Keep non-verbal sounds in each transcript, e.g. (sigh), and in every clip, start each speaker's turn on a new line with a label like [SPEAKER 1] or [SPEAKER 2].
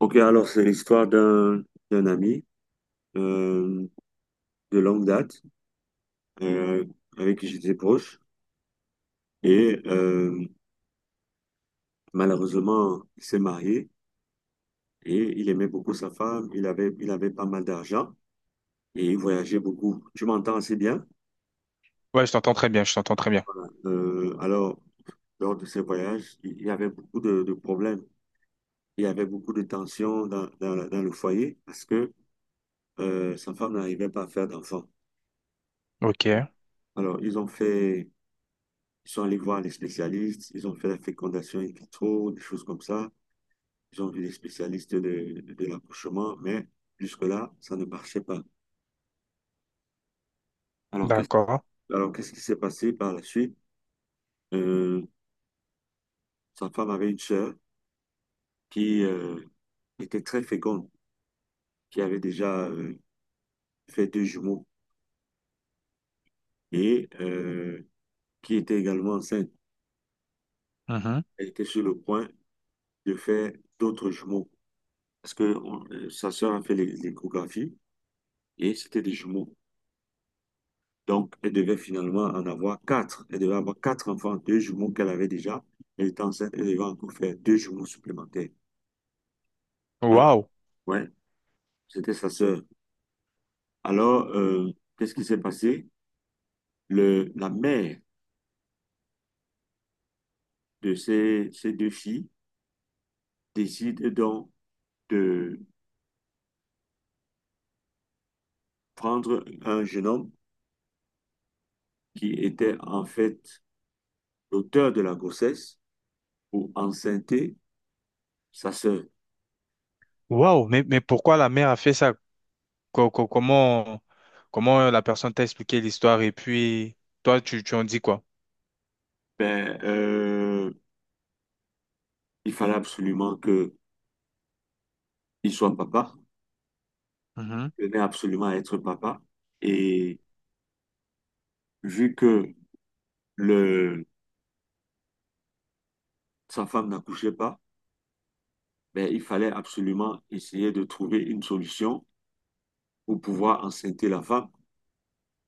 [SPEAKER 1] OK, alors c'est l'histoire d'un ami euh, de longue date euh, avec qui j'étais proche et malheureusement il s'est marié et il aimait beaucoup sa femme, il avait pas mal d'argent et il voyageait beaucoup. Tu m'entends assez bien?
[SPEAKER 2] Ouais, je t'entends très bien, je t'entends très bien.
[SPEAKER 1] Alors, lors de ces voyages, il y avait beaucoup de problèmes, il y avait beaucoup de tensions dans le foyer parce que sa femme n'arrivait pas à faire d'enfants.
[SPEAKER 2] Ok,
[SPEAKER 1] Alors ils ont fait Ils sont allés voir les spécialistes, ils ont fait la fécondation in vitro, des choses comme ça. Ils ont vu les spécialistes de l'accouchement, mais jusque-là, ça ne marchait pas. Alors, qu'est-ce,
[SPEAKER 2] d'accord.
[SPEAKER 1] alors, qu'est-ce qui s'est passé par la suite? Euh, Sa femme avait une sœur qui était très féconde, qui avait déjà fait deux jumeaux et qui était également enceinte.
[SPEAKER 2] Mhm.
[SPEAKER 1] Elle était sur le point de faire d'autres jumeaux parce que sa sœur a fait l'échographie et c'était des jumeaux. Donc, elle devait finalement en avoir quatre. Elle devait avoir quatre enfants, deux jumeaux qu'elle avait déjà. Elle était enceinte, elle devait encore faire deux jumeaux supplémentaires. Alors,
[SPEAKER 2] Waouh,
[SPEAKER 1] ouais, c'était sa sœur. Alors, qu'est-ce qui s'est passé? La mère de ces deux filles décide donc de prendre un jeune homme qui était en fait l'auteur de la grossesse pour enceinte sa sœur.
[SPEAKER 2] waouh, mais pourquoi la mère a fait ça? Comment, comment la personne t'a expliqué l'histoire et puis toi, tu en dis quoi?
[SPEAKER 1] Ben, il fallait absolument qu'il soit papa.
[SPEAKER 2] Mhm.
[SPEAKER 1] Je venais absolument à être papa. Et vu que le, sa femme n'accouchait pas, ben, il fallait absolument essayer de trouver une solution pour pouvoir enceinte la femme.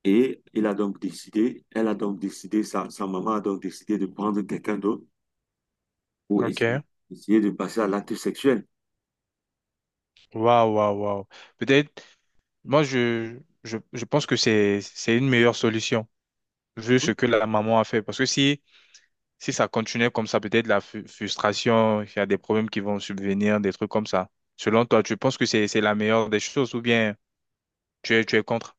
[SPEAKER 1] Et il a donc décidé, elle a donc décidé, sa maman a donc décidé de prendre quelqu'un d'autre pour
[SPEAKER 2] Ok,
[SPEAKER 1] essayer, essayer de passer à l'acte sexuel.
[SPEAKER 2] waouh, waouh, waouh. Peut-être, moi, je, je pense que c'est une meilleure solution, vu ce que la maman a fait. Parce que si, si ça continuait comme ça, peut-être la frustration, il y a des problèmes qui vont subvenir, des trucs comme ça. Selon toi, tu penses que c'est la meilleure des choses ou bien. Tu es contre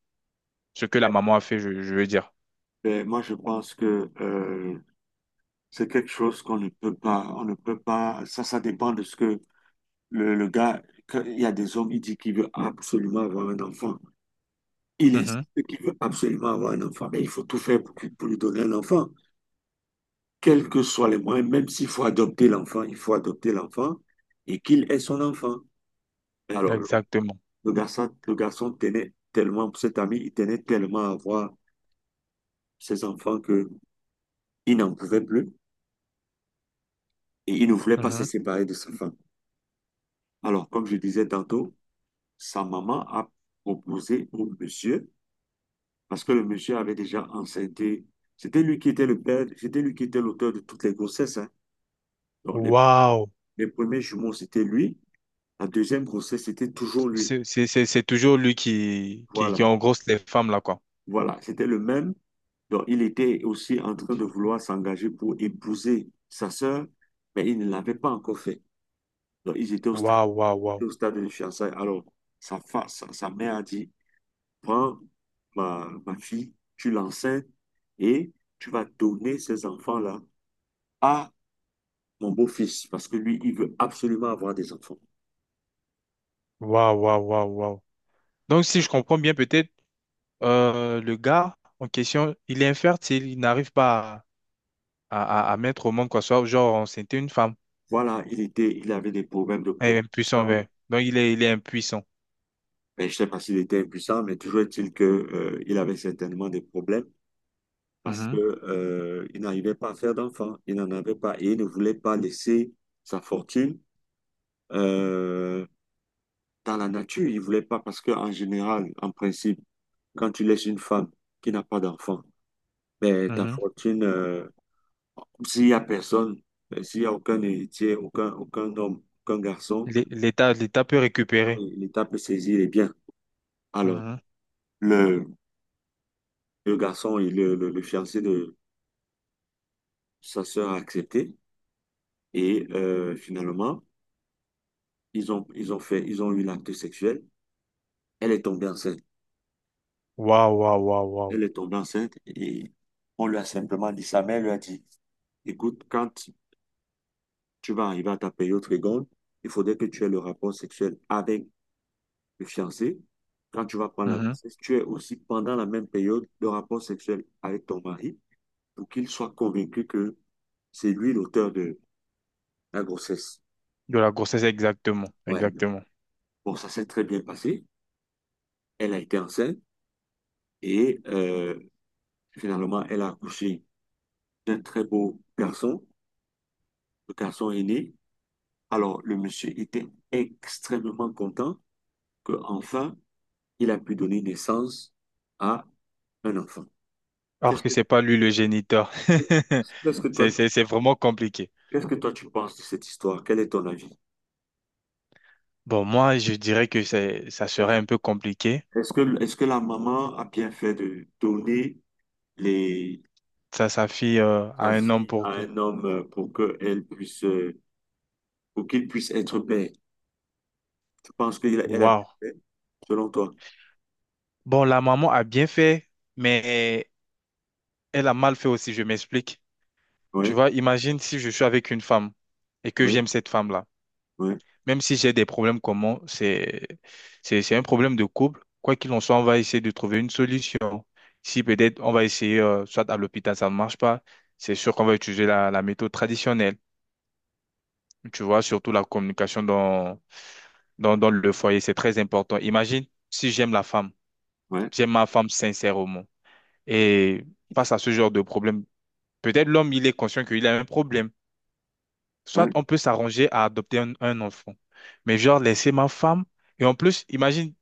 [SPEAKER 2] ce que la
[SPEAKER 1] Ben,
[SPEAKER 2] maman a fait, je veux dire.
[SPEAKER 1] ben, moi, je pense que c'est quelque chose qu'on ne peut pas, ça, ça dépend de ce que le gars, il y a des hommes, il dit qu'il veut absolument avoir un enfant. Il
[SPEAKER 2] Mhm.
[SPEAKER 1] insiste qu'il veut absolument avoir un enfant, mais il faut tout faire pour lui donner un enfant, quels que soient les moyens, même s'il faut adopter l'enfant, il faut adopter l'enfant et qu'il ait son enfant. Alors, le,
[SPEAKER 2] Exactement.
[SPEAKER 1] le garçon, le garçon tenait tellement, cet ami, il tenait tellement à voir ses enfants que il n'en pouvait plus et il ne voulait pas se
[SPEAKER 2] Mhm.
[SPEAKER 1] séparer de sa femme. Alors, comme je disais tantôt, sa maman a proposé au monsieur, parce que le monsieur avait déjà enceinté, c'était lui qui était le père, c'était lui qui était l'auteur de toutes les grossesses, hein. Donc,
[SPEAKER 2] Waouh.
[SPEAKER 1] les premiers jumeaux c'était lui. La deuxième grossesse, c'était toujours lui.
[SPEAKER 2] C'est toujours lui qui,
[SPEAKER 1] Voilà,
[SPEAKER 2] qui engrosse les femmes, là, quoi.
[SPEAKER 1] voilà, c'était le même. Donc, il était aussi en train de vouloir s'engager pour épouser sa sœur, mais il ne l'avait pas encore fait. Donc, ils étaient au stade,
[SPEAKER 2] Waouh, waouh,
[SPEAKER 1] ils étaient
[SPEAKER 2] waouh.
[SPEAKER 1] au stade de fiançailles. Alors, sa mère a dit, prends ma fille, tu l'enseignes et tu vas donner ces enfants-là à mon beau-fils, parce que lui, il veut absolument avoir des enfants.
[SPEAKER 2] Waouh, waouh, waouh, waouh. Donc, si je comprends bien, peut-être le gars en question, il est infertile, il n'arrive pas à, à mettre au monde, quoi. Soit, genre, c'était une femme.
[SPEAKER 1] Voilà, il était, il avait des problèmes de
[SPEAKER 2] Il est impuissant,
[SPEAKER 1] protection.
[SPEAKER 2] ouais. Donc, il est impuissant.
[SPEAKER 1] Mais je ne sais pas s'il était impuissant, mais toujours est-il que, il avait certainement des problèmes parce que,
[SPEAKER 2] Mhm.
[SPEAKER 1] il n'arrivait pas à faire d'enfant. Il n'en avait pas et il ne voulait pas laisser sa fortune, euh, dans la nature. Il ne voulait pas parce que, en général, en principe, quand tu laisses une femme qui n'a pas d'enfant, ben, ta
[SPEAKER 2] Mhm.
[SPEAKER 1] fortune, s'il n'y a personne, ben, s'il n'y a aucun héritier, aucun homme, aucun garçon,
[SPEAKER 2] L'État, l'État peut récupérer.
[SPEAKER 1] l'État peut saisir les biens. Alors,
[SPEAKER 2] Mhm.
[SPEAKER 1] le, le fiancé de sa sœur a accepté et finalement, ils ont eu l'acte sexuel. Elle est tombée enceinte.
[SPEAKER 2] Waouh, waouh, waouh,
[SPEAKER 1] Elle est tombée enceinte et on lui a simplement dit, sa mère lui a dit, écoute, quand tu vas arriver à ta période seconde, il faudrait que tu aies le rapport sexuel avec le fiancé. Quand tu vas prendre la
[SPEAKER 2] waouh.
[SPEAKER 1] grossesse, tu aies aussi pendant la même période le rapport sexuel avec ton mari pour qu'il soit convaincu que c'est lui l'auteur de la grossesse.
[SPEAKER 2] De la grossesse, exactement,
[SPEAKER 1] Ouais.
[SPEAKER 2] exactement.
[SPEAKER 1] Bon, ça s'est très bien passé. Elle a été enceinte. Et finalement, elle a accouché d'un très beau garçon. Le garçon est né. Alors, le monsieur était extrêmement content que enfin il a pu donner naissance à un enfant.
[SPEAKER 2] Alors
[SPEAKER 1] Qu'est-ce
[SPEAKER 2] que
[SPEAKER 1] que,
[SPEAKER 2] c'est pas lui le géniteur. (laughs)
[SPEAKER 1] qu'est-ce que toi,
[SPEAKER 2] C'est vraiment compliqué.
[SPEAKER 1] qu'est-ce que toi tu penses de cette histoire? Quel est ton avis?
[SPEAKER 2] Bon, moi, je dirais que ça serait un peu compliqué.
[SPEAKER 1] Est-ce que la maman a bien fait de donner les,
[SPEAKER 2] Ça, sa fille,
[SPEAKER 1] sa
[SPEAKER 2] à un homme
[SPEAKER 1] fille
[SPEAKER 2] pour
[SPEAKER 1] à
[SPEAKER 2] que.
[SPEAKER 1] un homme pour qu'il puisse être père? Tu penses qu'elle a bien
[SPEAKER 2] Waouh.
[SPEAKER 1] fait, selon toi?
[SPEAKER 2] Bon, la maman a bien fait, mais elle a mal fait aussi, je m'explique. Tu
[SPEAKER 1] Oui,
[SPEAKER 2] vois, imagine si je suis avec une femme et que
[SPEAKER 1] oui.
[SPEAKER 2] j'aime cette femme-là.
[SPEAKER 1] Ouais,
[SPEAKER 2] Même si j'ai des problèmes communs, c'est un problème de couple. Quoi qu'il en soit, on va essayer de trouver une solution. Si peut-être on va essayer, soit à l'hôpital, ça ne marche pas, c'est sûr qu'on va utiliser la, la méthode traditionnelle. Tu vois, surtout la communication dans le foyer, c'est très important. Imagine si j'aime la femme,
[SPEAKER 1] ouais,
[SPEAKER 2] j'aime ma femme sincèrement. Et face à ce genre de problème, peut-être l'homme, il est conscient qu'il a un problème. Soit
[SPEAKER 1] ouais.
[SPEAKER 2] on peut s'arranger à adopter un enfant. Mais genre, laisser ma femme. Et en plus, imagine,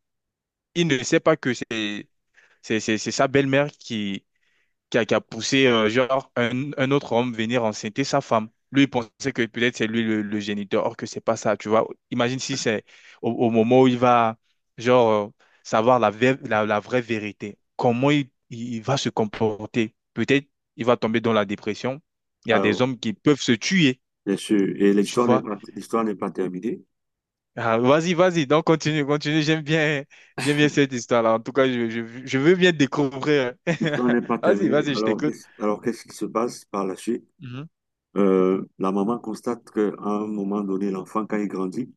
[SPEAKER 2] il ne sait pas que c'est sa belle-mère qui a poussé genre un autre homme venir enceinter sa femme. Lui, il pensait que peut-être c'est lui le géniteur, or que c'est pas ça, tu vois. Imagine si c'est au moment où il va genre euh, savoir la vraie vérité, comment il va se comporter. Peut-être il va tomber dans la dépression. Il y a des
[SPEAKER 1] Alors,
[SPEAKER 2] hommes qui peuvent se tuer,
[SPEAKER 1] bien sûr. Et
[SPEAKER 2] tu
[SPEAKER 1] l'histoire n'est
[SPEAKER 2] vois.
[SPEAKER 1] pas, l'histoire n'est pas terminée.
[SPEAKER 2] Ah, vas-y, vas-y, donc continue, continue. J'aime bien cette histoire-là. En tout cas, je veux bien découvrir. (laughs)
[SPEAKER 1] L'histoire n'est pas
[SPEAKER 2] Vas-y,
[SPEAKER 1] terminée.
[SPEAKER 2] vas-y, je
[SPEAKER 1] Alors,
[SPEAKER 2] t'écoute.
[SPEAKER 1] qu'est-ce qui se passe par la suite? La maman constate qu'à un moment donné, l'enfant, quand il grandit,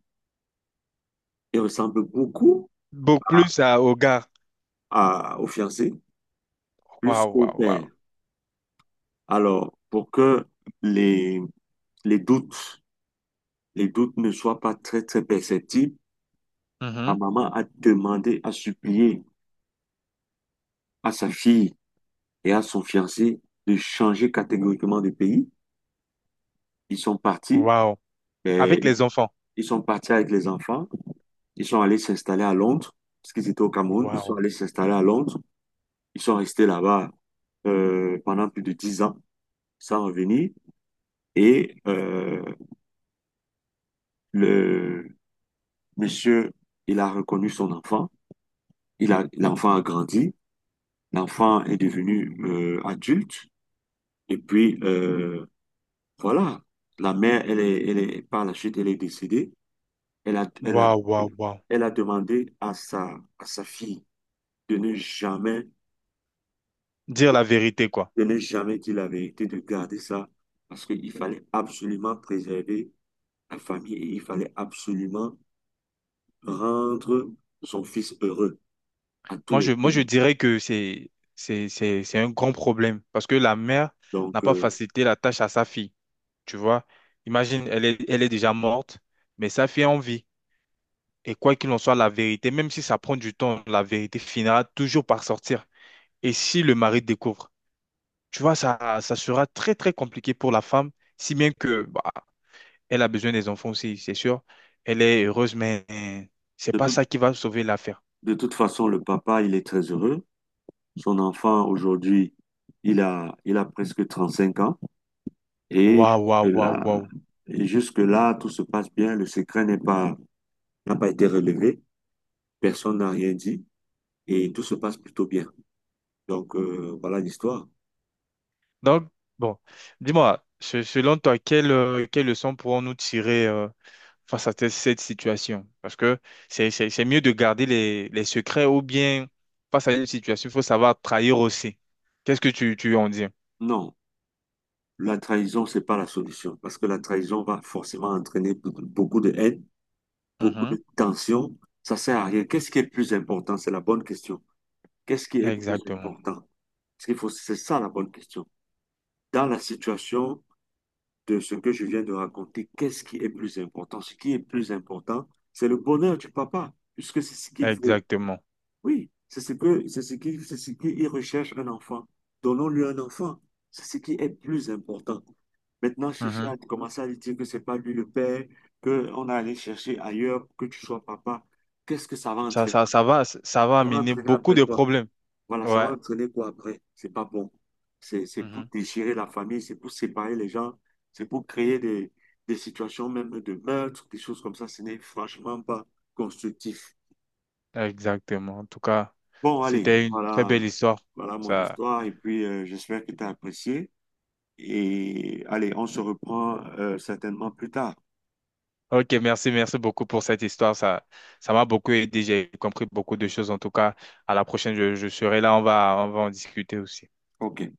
[SPEAKER 1] il ressemble beaucoup
[SPEAKER 2] Beaucoup
[SPEAKER 1] à,
[SPEAKER 2] plus à, aux gars.
[SPEAKER 1] au fiancé plus
[SPEAKER 2] Waouh,
[SPEAKER 1] qu'au
[SPEAKER 2] waouh,
[SPEAKER 1] père.
[SPEAKER 2] waouh.
[SPEAKER 1] Alors, pour que les, les doutes, les doutes ne soient pas très, très perceptibles, la
[SPEAKER 2] Mhm.
[SPEAKER 1] maman a demandé, a supplié à sa fille et à son fiancé de changer catégoriquement de pays. Ils sont partis,
[SPEAKER 2] Waouh. Avec
[SPEAKER 1] et
[SPEAKER 2] les enfants.
[SPEAKER 1] ils sont partis avec les enfants, ils sont allés s'installer à Londres, parce qu'ils étaient au Cameroun, ils sont
[SPEAKER 2] Waouh.
[SPEAKER 1] allés s'installer à Londres, ils sont restés là-bas pendant plus de 10 ans sans revenir, et le monsieur, il a reconnu son enfant, l'enfant a grandi, l'enfant est devenu adulte, et puis voilà, la mère, par la suite, elle est décédée, elle a, elle a,
[SPEAKER 2] Waouh, waouh, waouh.
[SPEAKER 1] elle a demandé à sa fille, de ne jamais,
[SPEAKER 2] Dire la vérité, quoi.
[SPEAKER 1] de ne jamais dire la vérité, de garder ça, parce qu'il fallait absolument préserver la famille et il fallait absolument rendre son fils heureux à tous les
[SPEAKER 2] Moi, je
[SPEAKER 1] prix.
[SPEAKER 2] dirais que c'est un grand problème parce que la mère n'a
[SPEAKER 1] Donc,
[SPEAKER 2] pas facilité la tâche à sa fille. Tu vois? Imagine, elle est déjà morte, mais sa fille est en vie. Et quoi qu'il en soit, la vérité, même si ça prend du temps, la vérité finira toujours par sortir. Et si le mari découvre, tu vois, ça sera très, très compliqué pour la femme, si bien que, bah, elle a besoin des enfants aussi, c'est sûr. Elle est heureuse, mais c'est
[SPEAKER 1] de
[SPEAKER 2] pas ça
[SPEAKER 1] tout-
[SPEAKER 2] qui va sauver l'affaire.
[SPEAKER 1] de toute façon, le papa, il est très heureux. Son enfant, aujourd'hui, il a presque 35 ans et
[SPEAKER 2] Waouh, waouh, waouh,
[SPEAKER 1] jusque-là,
[SPEAKER 2] waouh.
[SPEAKER 1] tout se passe bien. Le secret n'a pas été relevé. Personne n'a rien dit et tout se passe plutôt bien. Donc, voilà l'histoire.
[SPEAKER 2] Donc, bon, dis-moi, selon toi, quelle, quelle leçon pourrons-nous tirer face à cette situation? Parce que c'est mieux de garder les secrets ou bien face à une situation, il faut savoir trahir aussi. Qu'est-ce que tu en dis?
[SPEAKER 1] Non, la trahison, c'est pas la solution parce que la trahison va forcément entraîner beaucoup beaucoup de haine, beaucoup
[SPEAKER 2] Mhm.
[SPEAKER 1] de tension. Ça sert à rien. Qu'est-ce qui est plus important? C'est la bonne question. Qu'est-ce qui est plus
[SPEAKER 2] Exactement,
[SPEAKER 1] important? Ce qu'il faut, c'est ça la bonne question. Dans la situation de ce que je viens de raconter, qu'est-ce qui est plus important? Ce qui est plus important, c'est le bonheur du papa, puisque c'est ce qu'il veut.
[SPEAKER 2] exactement.
[SPEAKER 1] Oui, c'est ce que, c'est ce qui, c'est ce qu'il recherche un enfant. Donnons-lui un enfant. C'est ce qui est plus important. Maintenant, chercher
[SPEAKER 2] Mhm.
[SPEAKER 1] à commencer à lui dire que c'est pas lui le père, qu'on a allé chercher ailleurs, que tu sois papa. Qu'est-ce que ça va entraîner?
[SPEAKER 2] Ça va
[SPEAKER 1] Ça va
[SPEAKER 2] amener
[SPEAKER 1] entraîner
[SPEAKER 2] beaucoup
[SPEAKER 1] après
[SPEAKER 2] de
[SPEAKER 1] quoi?
[SPEAKER 2] problèmes.
[SPEAKER 1] Voilà, ça va
[SPEAKER 2] Ouais.
[SPEAKER 1] entraîner quoi après? C'est pas bon. C'est pour
[SPEAKER 2] Mhm.
[SPEAKER 1] déchirer la famille, c'est pour séparer les gens, c'est pour créer des situations même de meurtre, des choses comme ça. Ce n'est franchement pas constructif.
[SPEAKER 2] Exactement. En tout cas,
[SPEAKER 1] Bon, allez,
[SPEAKER 2] c'était une très
[SPEAKER 1] voilà,
[SPEAKER 2] belle histoire.
[SPEAKER 1] voilà mon
[SPEAKER 2] Ça.
[SPEAKER 1] histoire et puis j'espère que tu as apprécié. Et allez, on se reprend certainement plus tard.
[SPEAKER 2] Ok, merci, merci beaucoup pour cette histoire. Ça m'a beaucoup aidé. J'ai compris beaucoup de choses. En tout cas, à la prochaine, je serai là. On va en discuter aussi.
[SPEAKER 1] OK.